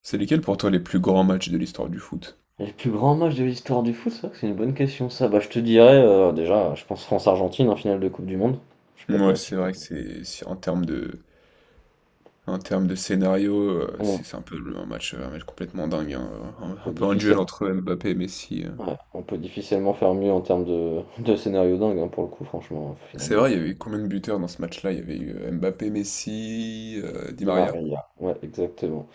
C'est lesquels pour toi les plus grands matchs de l'histoire du foot? Le plus grand match de l'histoire du foot, c'est vrai que c'est une bonne question ça. Je te dirais, déjà, je pense France-Argentine en finale de coupe du monde. Je vais pas te Ouais, mentir. c'est vrai que en termes de scénario, On c'est un peu un match complètement dingue, hein, un peut peu un duel difficilement entre Mbappé et Messi. Ouais, on peut difficilement faire mieux en termes de scénario dingue, hein, pour le coup, franchement, finale C'est de coupe. vrai, il y avait eu combien de buteurs dans ce match-là? Il y avait eu Mbappé, Messi, Di Di Maria. Maria, ouais, exactement.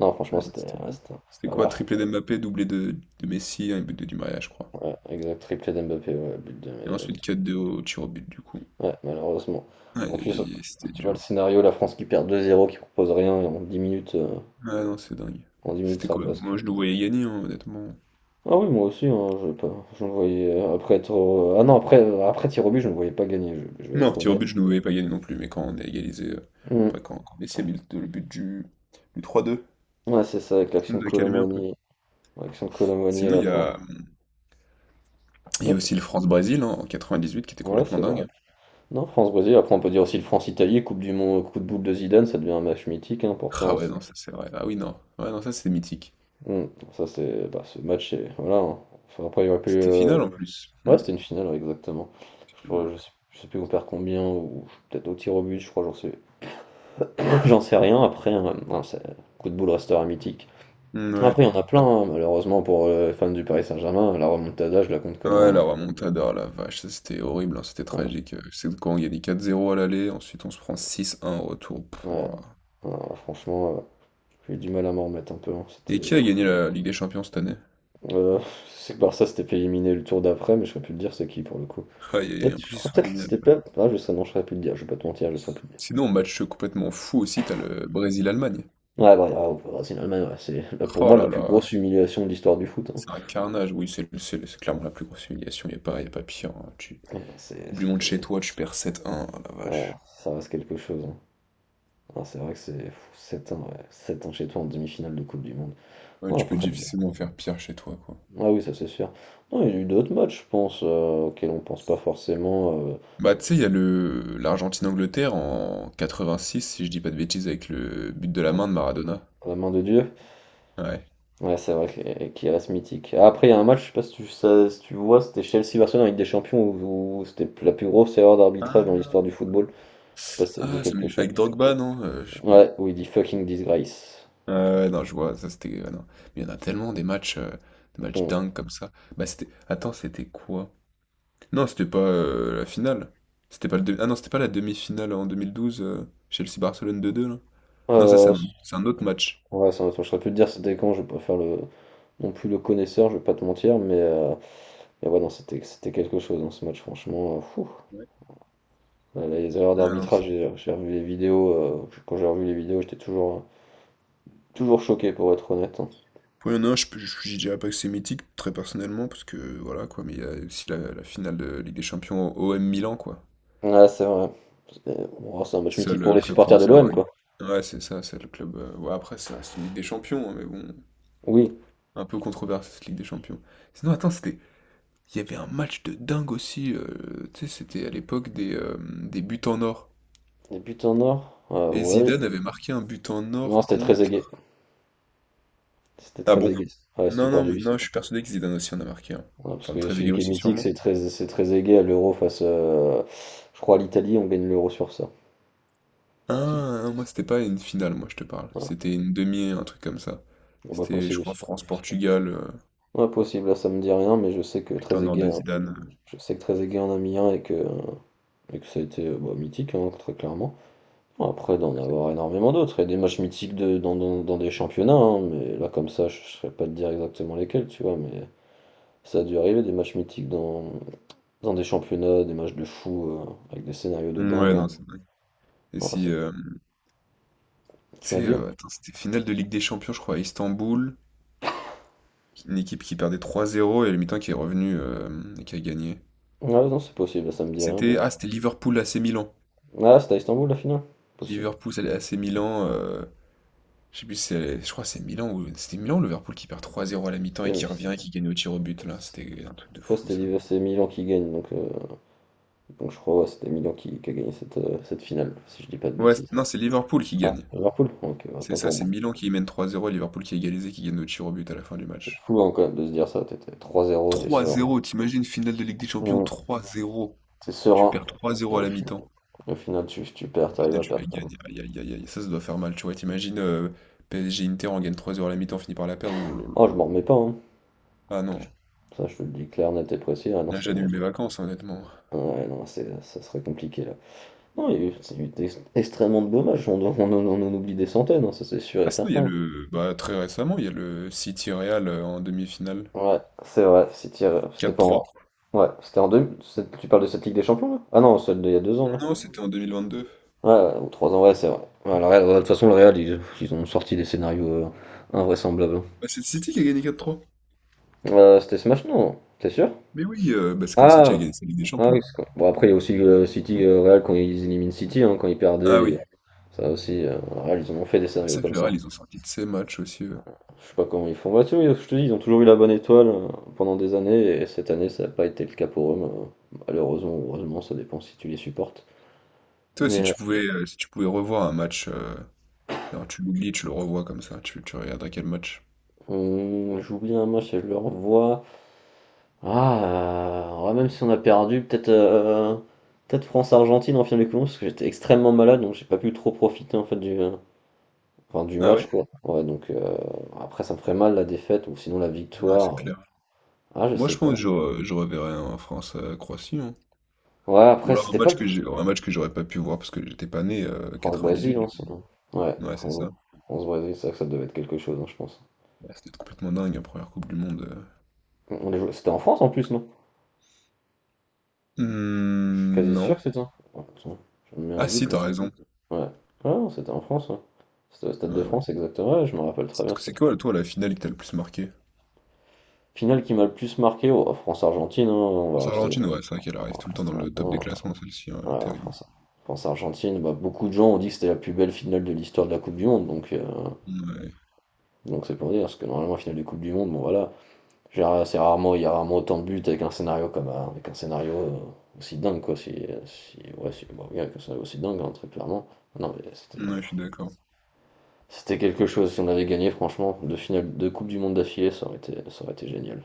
Non, franchement, Ouais, non, c'était, c'était ouais, c'était pas quoi? mal. Triplé d'Mbappé, doublé de Messi, un but de Di Maria, je crois. Ouais, exact, triplé d'Mbappé, ouais, but de Et ensuite Mbappé. quatre 2 au tir au but du coup. Ouais, malheureusement. En Aïe aïe plus, aïe, aïe, c'était tu vois le dur. scénario, la France qui perd 2-0, qui propose rien et Ouais, non, c'est dingue. en 10 minutes, C'était ça quoi? Moi, rebascule. je nous voyais gagner, hein, honnêtement. Ah oui, moi aussi, hein, je pas, je me voyais après être ah non après après tir au but, je ne voyais pas gagner, je vais Non, être tir au honnête. but, je ne voulais pas gagner non plus, mais quand on a égalisé, après Mm. quand Messi a mis le but du 3-2 Ouais, c'est ça, avec ça nous a calmé un peu. L'action de Colomboigny à Sinon, il la y fin. a, il y Ouais, a aussi le France-Brésil, hein, en 98 qui était ouais, c'est complètement vrai. dingue. Non, France-Brésil, après on peut dire aussi le France-Italie, Coupe du Monde, coup de boule de Zidane, ça devient un match mythique hein, pour ça, Ah hein, ouais, c'est- non, ça c'est vrai. Ah oui, non. Ouais, non, ça c'est mythique. Mm. Ça c'est bah, ce match est voilà, hein. Enfin, après il y aurait pu C'était final en plus. Hmm. ouais, c'était une finale ouais, exactement. Ouais. Je sais plus on perd combien ou peut-être au tir au but, je crois, j'en sais j'en sais rien après hein, non, c'est- coup de boule restera mythique. Hmm, ouais. Après, il y en a plein, hein, malheureusement pour les fans du Paris Saint-Germain, la remontada, je la compte Ah, comme ouais, un. la remontada, oh la vache, ça c'était horrible, hein, c'était Voilà. tragique. C'est quand on gagnait 4-0 à l'aller, ensuite on se prend 6-1 au retour. Ouais. Pouah. Alors, franchement, j'ai eu du mal à m'en remettre un peu, hein. Et C'était. qui a gagné la Ligue des Champions cette année? Euh, c'est que Barça s'était fait éliminer le tour d'après, mais je saurais plus te dire c'est qui pour le coup. Ah, et Peut-être, en je plus ils crois sont peut-être que éliminés. c'était Pep. Ah, je sais, non, je saurais plus te dire, je vais pas te mentir, je saurais plus te dire. Sinon, match complètement fou aussi, t'as le Brésil-Allemagne. Ouais, bah, ah, au Brésil, Allemagne, ouais, c'est là, pour Oh moi la là plus là, grosse humiliation de l'histoire du foot, hein. c'est un carnage. Oui, c'est clairement la plus grosse humiliation. Il n'y a pas, y a pas pire, hein. Ouais, non, c'est. Coupe du monde C'est- chez toi, tu perds 7-1. Oh la ouais, vache. ça reste quelque chose, hein. Ah, c'est vrai que c'est 7 ans, ouais, 7 ans chez toi en demi-finale de Coupe du Monde. Ouais, Non, tu peux après, bon, difficilement faire pire chez toi, quoi. ah oui, ça c'est sûr. Non, il y a eu d'autres matchs, je pense, auxquels on pense pas forcément Bah, tu sais, il y a le l'Argentine-Angleterre en 86, si je dis pas de bêtises, avec le but de la main de Maradona. à la main de Dieu. Ouais. Ouais, c'est vrai que- qu'il reste mythique. Ah, après, il y a un match, je sais pas si tu, ça- si tu vois, c'était Chelsea-Barcelone en Ligue des Champions, où, où c'était la plus grosse erreur d'arbitrage dans Ah, l'histoire du football. Je sais pas si ça te dit quelque chose. avec Drogba, non? Je sais plus. Ouais, où il dit fucking disgrace. Un Ah truc. ouais, non, je vois, ça c'était. Ah non. Mais il y en a tellement des matchs Bon. dingues comme ça. Bah, c'était. Attends, c'était quoi? Non, c'était pas la finale. C'était pas le demi- Ah non, c'était pas la demi-finale en 2012, Chelsea-Barcelone 2-2 là. Non, ça, c'est Euh, un, c'est un autre match. ouais, ça, je saurais plus te dire c'était quand, je vais pas faire le, non plus le connaisseur, je vais pas te mentir, mais ouais, non, c'était quelque chose dans ce match, franchement, fou. Ouais. Ouais, les erreurs Non, non, d'arbitrage, c'est- j'ai revu les vidéos, quand j'ai revu les vidéos, toujours choqué pour être honnête, hein. Ouais, non, je dirais pas que c'est mythique, très personnellement, parce que voilà quoi, mais il y a aussi la finale de Ligue des Champions au OM Milan, quoi. Ouais, c'est vrai. C'est oh, c'est un match mythique Seul pour les club supporters de français à l'OM, avoir gagné. quoi. Ouais, c'est ça, c'est le club. Ouais, après, ça reste une Ligue des Champions, hein, mais bon, Oui. un peu controversé cette Ligue des Champions. Sinon, attends, c'était. Il y avait un match de dingue aussi, tu sais, c'était à l'époque des buts en or. Les buts en or, Et ouais. Zidane avait marqué un but en Non, or c'était très aigué. contre. C'était Ah très bon? aigué. Ouais, si tu Non, parles non, de non, juste. je suis persuadé que Zidane aussi en a marqué un. Ouais, parce Enfin, que celui Trezeguet qui est aussi mythique, sûrement. C'est très aigué à l'euro face, je crois, à l'Italie. On gagne l'euro sur ça. Si. Ah, non, moi c'était pas une finale, moi je te parle. Ouais. C'était une demi, un truc comme ça. Bon, bah, C'était, je possible crois, aussi, ça. France-Portugal, Ouais, possible. Là, ça me dit rien, mais je sais que but très en or aigué, de hein, Zidane. je sais que très aigué en a mis un et que. Et que ça a été bah, mythique, hein, très clairement. Après, d'en euh, avoir énormément d'autres. Il y a des matchs mythiques dans des championnats, hein, mais là, comme ça, je ne saurais pas te dire exactement lesquels, tu vois, mais ça a dû arriver, des matchs mythiques dans, dans des championnats, des matchs de fou, avec des scénarios de Mm, ouais, dingue, hein. non, c'est dingue. Et Non, si, c'est- tu tu m'as sais, dit? Attends, c'était finale de Ligue des Champions, je crois, à Istanbul, une équipe qui perdait 3-0 et le mi-temps qui est revenu, et qui a gagné. Ah non, c'est possible, ça me dit rien, C'était, mais... ah, c'était Liverpool AC Milan. Ah, c'était à Istanbul, la finale? Possible. Liverpool AC Milan. Je sais plus si c'est, je crois que c'est Milan ou c'était Milan ou Liverpool qui perd 3-0 à la mi-temps et C'était... mais qui revient et qui gagne au tir au but là. c'est- C'était un truc de je crois que fou c'était ça. l'hiver- c'est Milan qui gagne, donc je crois ouais, qui a gagné cette, cette finale, si je dis pas de Ouais, bêtises. Non, c'est Liverpool qui Ah, gagne. Liverpool? Ok, C'est autant ça, pour c'est moi. Milan qui mène 3-0 et Liverpool qui a égalisé qui gagne au tir au but à la fin du C'est match. fou hein, quand même de se dire ça, t'es 3-0, t'es serein. 3-0, t'imagines finale de Ligue des Champions Mm. 3-0. T'es Tu serein. perds Et 3-0 à la mi-temps. Au final tu perds, Et t'arrives finale, à tu la perdre quand même. gagnes. Aïe aïe aïe aïe, ça doit faire mal, tu vois. T'imagines PSG Inter on gagne 3-0 à la mi-temps, on finit par la perdre. Ouh là là là Oh je m'en remets là. pas hein. Ah non. Ça je te le dis clair, net et précis. Ah non Là c'est. j'annule mes vacances, hein, honnêtement. Ouais non c'est ça serait compliqué là. Non, il y a eu, c'est eu extrêmement de dommages. On en oublie des centaines, hein, ça c'est sûr et Ah sinon, il y a certain. le bah, très récemment, il y a le City Real, en demi-finale. Ouais, c'est vrai, City, c'était quatre pas en. trois Ouais, c'était en deux, c'est- tu parles de cette Ligue des Champions là? Ah non, celle d'il y a deux ans là. Non, c'était en 2022. Ouais, ouais, ou trois ans, ouais, c'est vrai. Ouais, le Real, ouais, de toute façon, ils ont sorti des scénarios invraisemblables, hein. Bah, c'est le City qui a gagné 4-3. C'était ce match? Non, t'es sûr? Mais oui, bah, c'est quand City a Ah, gagné sa Ligue des ah oui, Champions. c'est quoi. Bon, après, il y a aussi City, Real, quand ils éliminent City, hein, quand ils Ah perdaient, et- oui. ça aussi, Real, ils en ont fait des C'est scénarios ça que comme le ça. Real, ils ont sorti de ces matchs aussi. Je sais pas comment ils font. Bah, tu vois, je te dis, ils ont toujours eu la bonne étoile pendant des années, et cette année, ça n'a pas été le cas pour eux, mais, malheureusement, ou heureusement, ça dépend si tu les supportes. Toi, si Mais tu pouvais, euh, si tu pouvais revoir un match, genre, tu l'oublies, tu le revois comme ça, tu regarderais quel match. on- j'oublie un match et je le revois. Ah, ouais, même si on a perdu, peut-être peut-être France-Argentine en finale de couloir, parce que j'étais extrêmement malade, donc j'ai pas pu trop profiter en fait du, enfin, du Ah ouais? match, quoi. Ouais, donc après, ça me ferait mal la défaite ou sinon la Ouais, c'est victoire. clair. Ah, je Moi, sais je pas. pense que je reverrais un France-Croatie, hein. Ouais, Ou après, alors c'était pas le un match que j'aurais pas pu voir parce que j'étais pas né, 98, France-Brésil, hein, du coup. sinon. Ouais, Ouais, c'est France- ça. France-Brésil, c'est ça que ça devait être quelque chose, hein, je pense. Ouais, c'était complètement dingue, la première Coupe du Monde. On les jouait- c'était en France en plus, non? Je suis Hmm, quasi sûr que non. c'était ça. Oh, attends, je me mets un Ah doute, si, t'as raison. mais- ouais. Ah, non, c'était en France, ouais. C'était au Stade Ouais, de ouais. France, exactement. Ouais, je me rappelle très C'est bien, c'est c'était- quoi, toi, la finale qui t'a le plus marqué? finale qui m'a le plus marqué, oh, France-Argentine, hein, France-Argentine, ouais, c'est vrai qu'elle on arrive va tout le temps dans rester le top là-dedans, des hein. classements, celle-ci, ouais, Ouais, non, terrible. France, France Argentine, bah, beaucoup de gens ont dit que c'était la plus belle finale de l'histoire de la Coupe du Monde, Ouais, donc c'est pour dire, parce que normalement la finale de Coupe du Monde, bon voilà, genre, c'est rarement, il y a rarement autant de buts avec un scénario comme avec un scénario aussi dingue quoi, si, si ouais si bon, oui, avec un scénario aussi dingue hein, très clairement. Non mais ouais, je suis d'accord. c'était quelque chose, si on avait gagné franchement, deux finales de Coupe du Monde d'affilée, ça aurait été génial.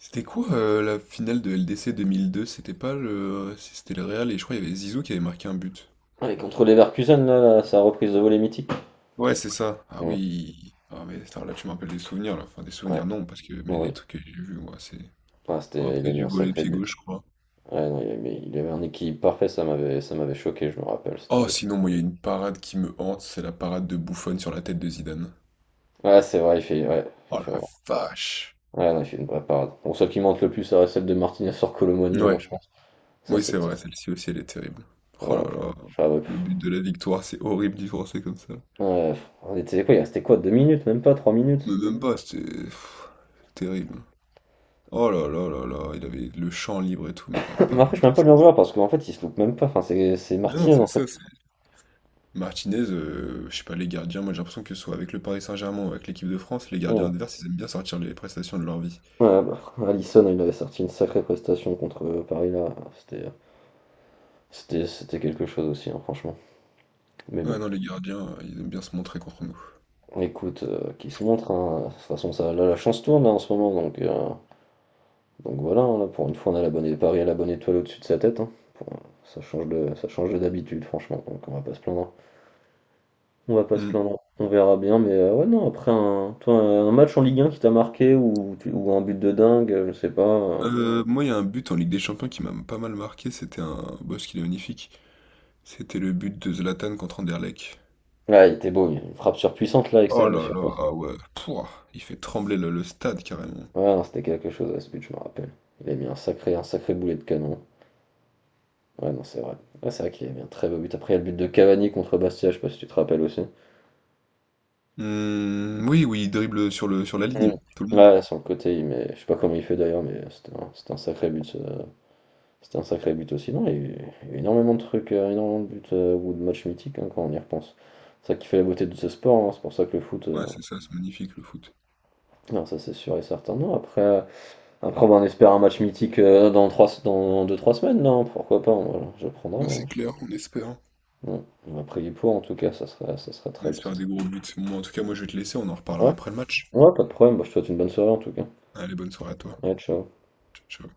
C'était quoi, la finale de LDC 2002? C'était pas le... C'était le Real et je crois qu'il y avait Zizou qui avait marqué un but. Et contre les Leverkusen là, sa reprise de volée mythique. Ouais, c'est ça. Ah Ouais, oui. Ah mais attends, là tu me rappelles des souvenirs là. Enfin, des souvenirs ouais, non, parce que mais des oui. trucs que j'ai vus, moi c'est Ah, c'était, il repris a mis du un volet sacré pied but. gauche, je crois. Ouais, non, il- mais il avait un équilibre parfait, ça m'avait choqué, je me rappelle. Oh, C'était. sinon, moi, il y a une parade qui me hante, c'est la parade de Buffon sur la tête de Zidane. Ouais c'est vrai, il fait. Ouais, il Oh fait la vraiment. vache. Ouais, non, il fait une vraie parade. Bon, celle qui monte le plus, ça reste celle de Martinez sur Colomani, moi, Ouais, je pense. Ça, oui, c'est c'était. vrai, celle-ci aussi, elle est terrible. Oh là Oh, là, je serais- ouais, le but pff. de la victoire, c'est horrible d'y penser comme ça. Ouais, pff, on était quoi, il restait quoi, deux minutes, même pas, trois Mais minutes. même pas, c'était pff, terrible. Oh là là là là, il avait le champ libre et tout, mais la Mais après, parade je peux de même pas lui en Zidane. vouloir parce qu'en fait, il se loupe même pas. Enfin, c'est Ah non, Martinez, c'est en fait. ça, Martinez, je sais pas, les gardiens, moi j'ai l'impression que ce soit avec le Paris Saint-Germain ou avec l'équipe de France, les gardiens Bon. adverses, ils aiment bien sortir les prestations de leur vie. Ouais, bah, Alisson, il avait sorti une sacrée prestation contre Paris, là. C'était c'était quelque chose aussi, hein, franchement. Mais Ouais, bon. non, les gardiens, ils aiment bien se montrer contre nous. Écoute, qui se montre, hein. De toute façon, ça, là, la chance tourne là, en ce moment, donc voilà, hein, là, pour une fois, on a la bonne, Paris a la bonne étoile au-dessus de sa tête, hein. Pour- ça change de d'habitude, franchement, donc on va pas se plaindre, hein. On va pas se Hmm. plaindre, on verra bien, mais ouais, non, après un, toi, un match en Ligue 1 qui t'a marqué ou, tu- ou un but de dingue, je sais pas, Moi, il y a un but en Ligue des Champions qui m'a pas mal marqué, c'était un boss qu'il est magnifique. C'était le but de Zlatan contre Anderlecht. Ah, il était beau, il y a une frappe surpuissante là, à Oh l'extérieur de là là, surface. ah ouais, pouah, il fait trembler le stade carrément. Ouais, non, c'était quelque chose à ce but, je me rappelle. Il a mis un sacré boulet de canon. Ouais, non, c'est vrai. Ouais, c'est vrai qu'il a mis un très beau but. Après, il y a le but de Cavani contre Bastia, je sais pas si tu te rappelles aussi. Hmm, oui, oui, il dribble sur la ligne, Mm. tout le monde. Ouais, sur le côté, il met... je sais pas comment il fait d'ailleurs, mais c'était un sacré but, ce- c'était un sacré but aussi. Non, il y a eu énormément de trucs, énormément de buts ou de matchs mythiques hein, quand on y repense. C'est ça qui fait la beauté de ce sport, hein, c'est pour ça que le foot, Ouais, c'est ça, c'est magnifique le foot. non, ça c'est sûr et certain. Non, après, après bah, on espère un match mythique dans trois, dans deux trois semaines, non, pourquoi pas, moi, je prendrai, Ouais, hein. c'est clair, on espère. Ouais. On va prier pour en tout cas, ça serait On très. Ça espère des serait... gros buts. Moi, en tout cas, moi je vais te laisser, on en reparlera Ouais, après le match. ouais, pas de problème, bah, je te souhaite une bonne soirée en tout cas. Allez, bonne soirée à toi. Ouais, ciao. Ciao. Ciao.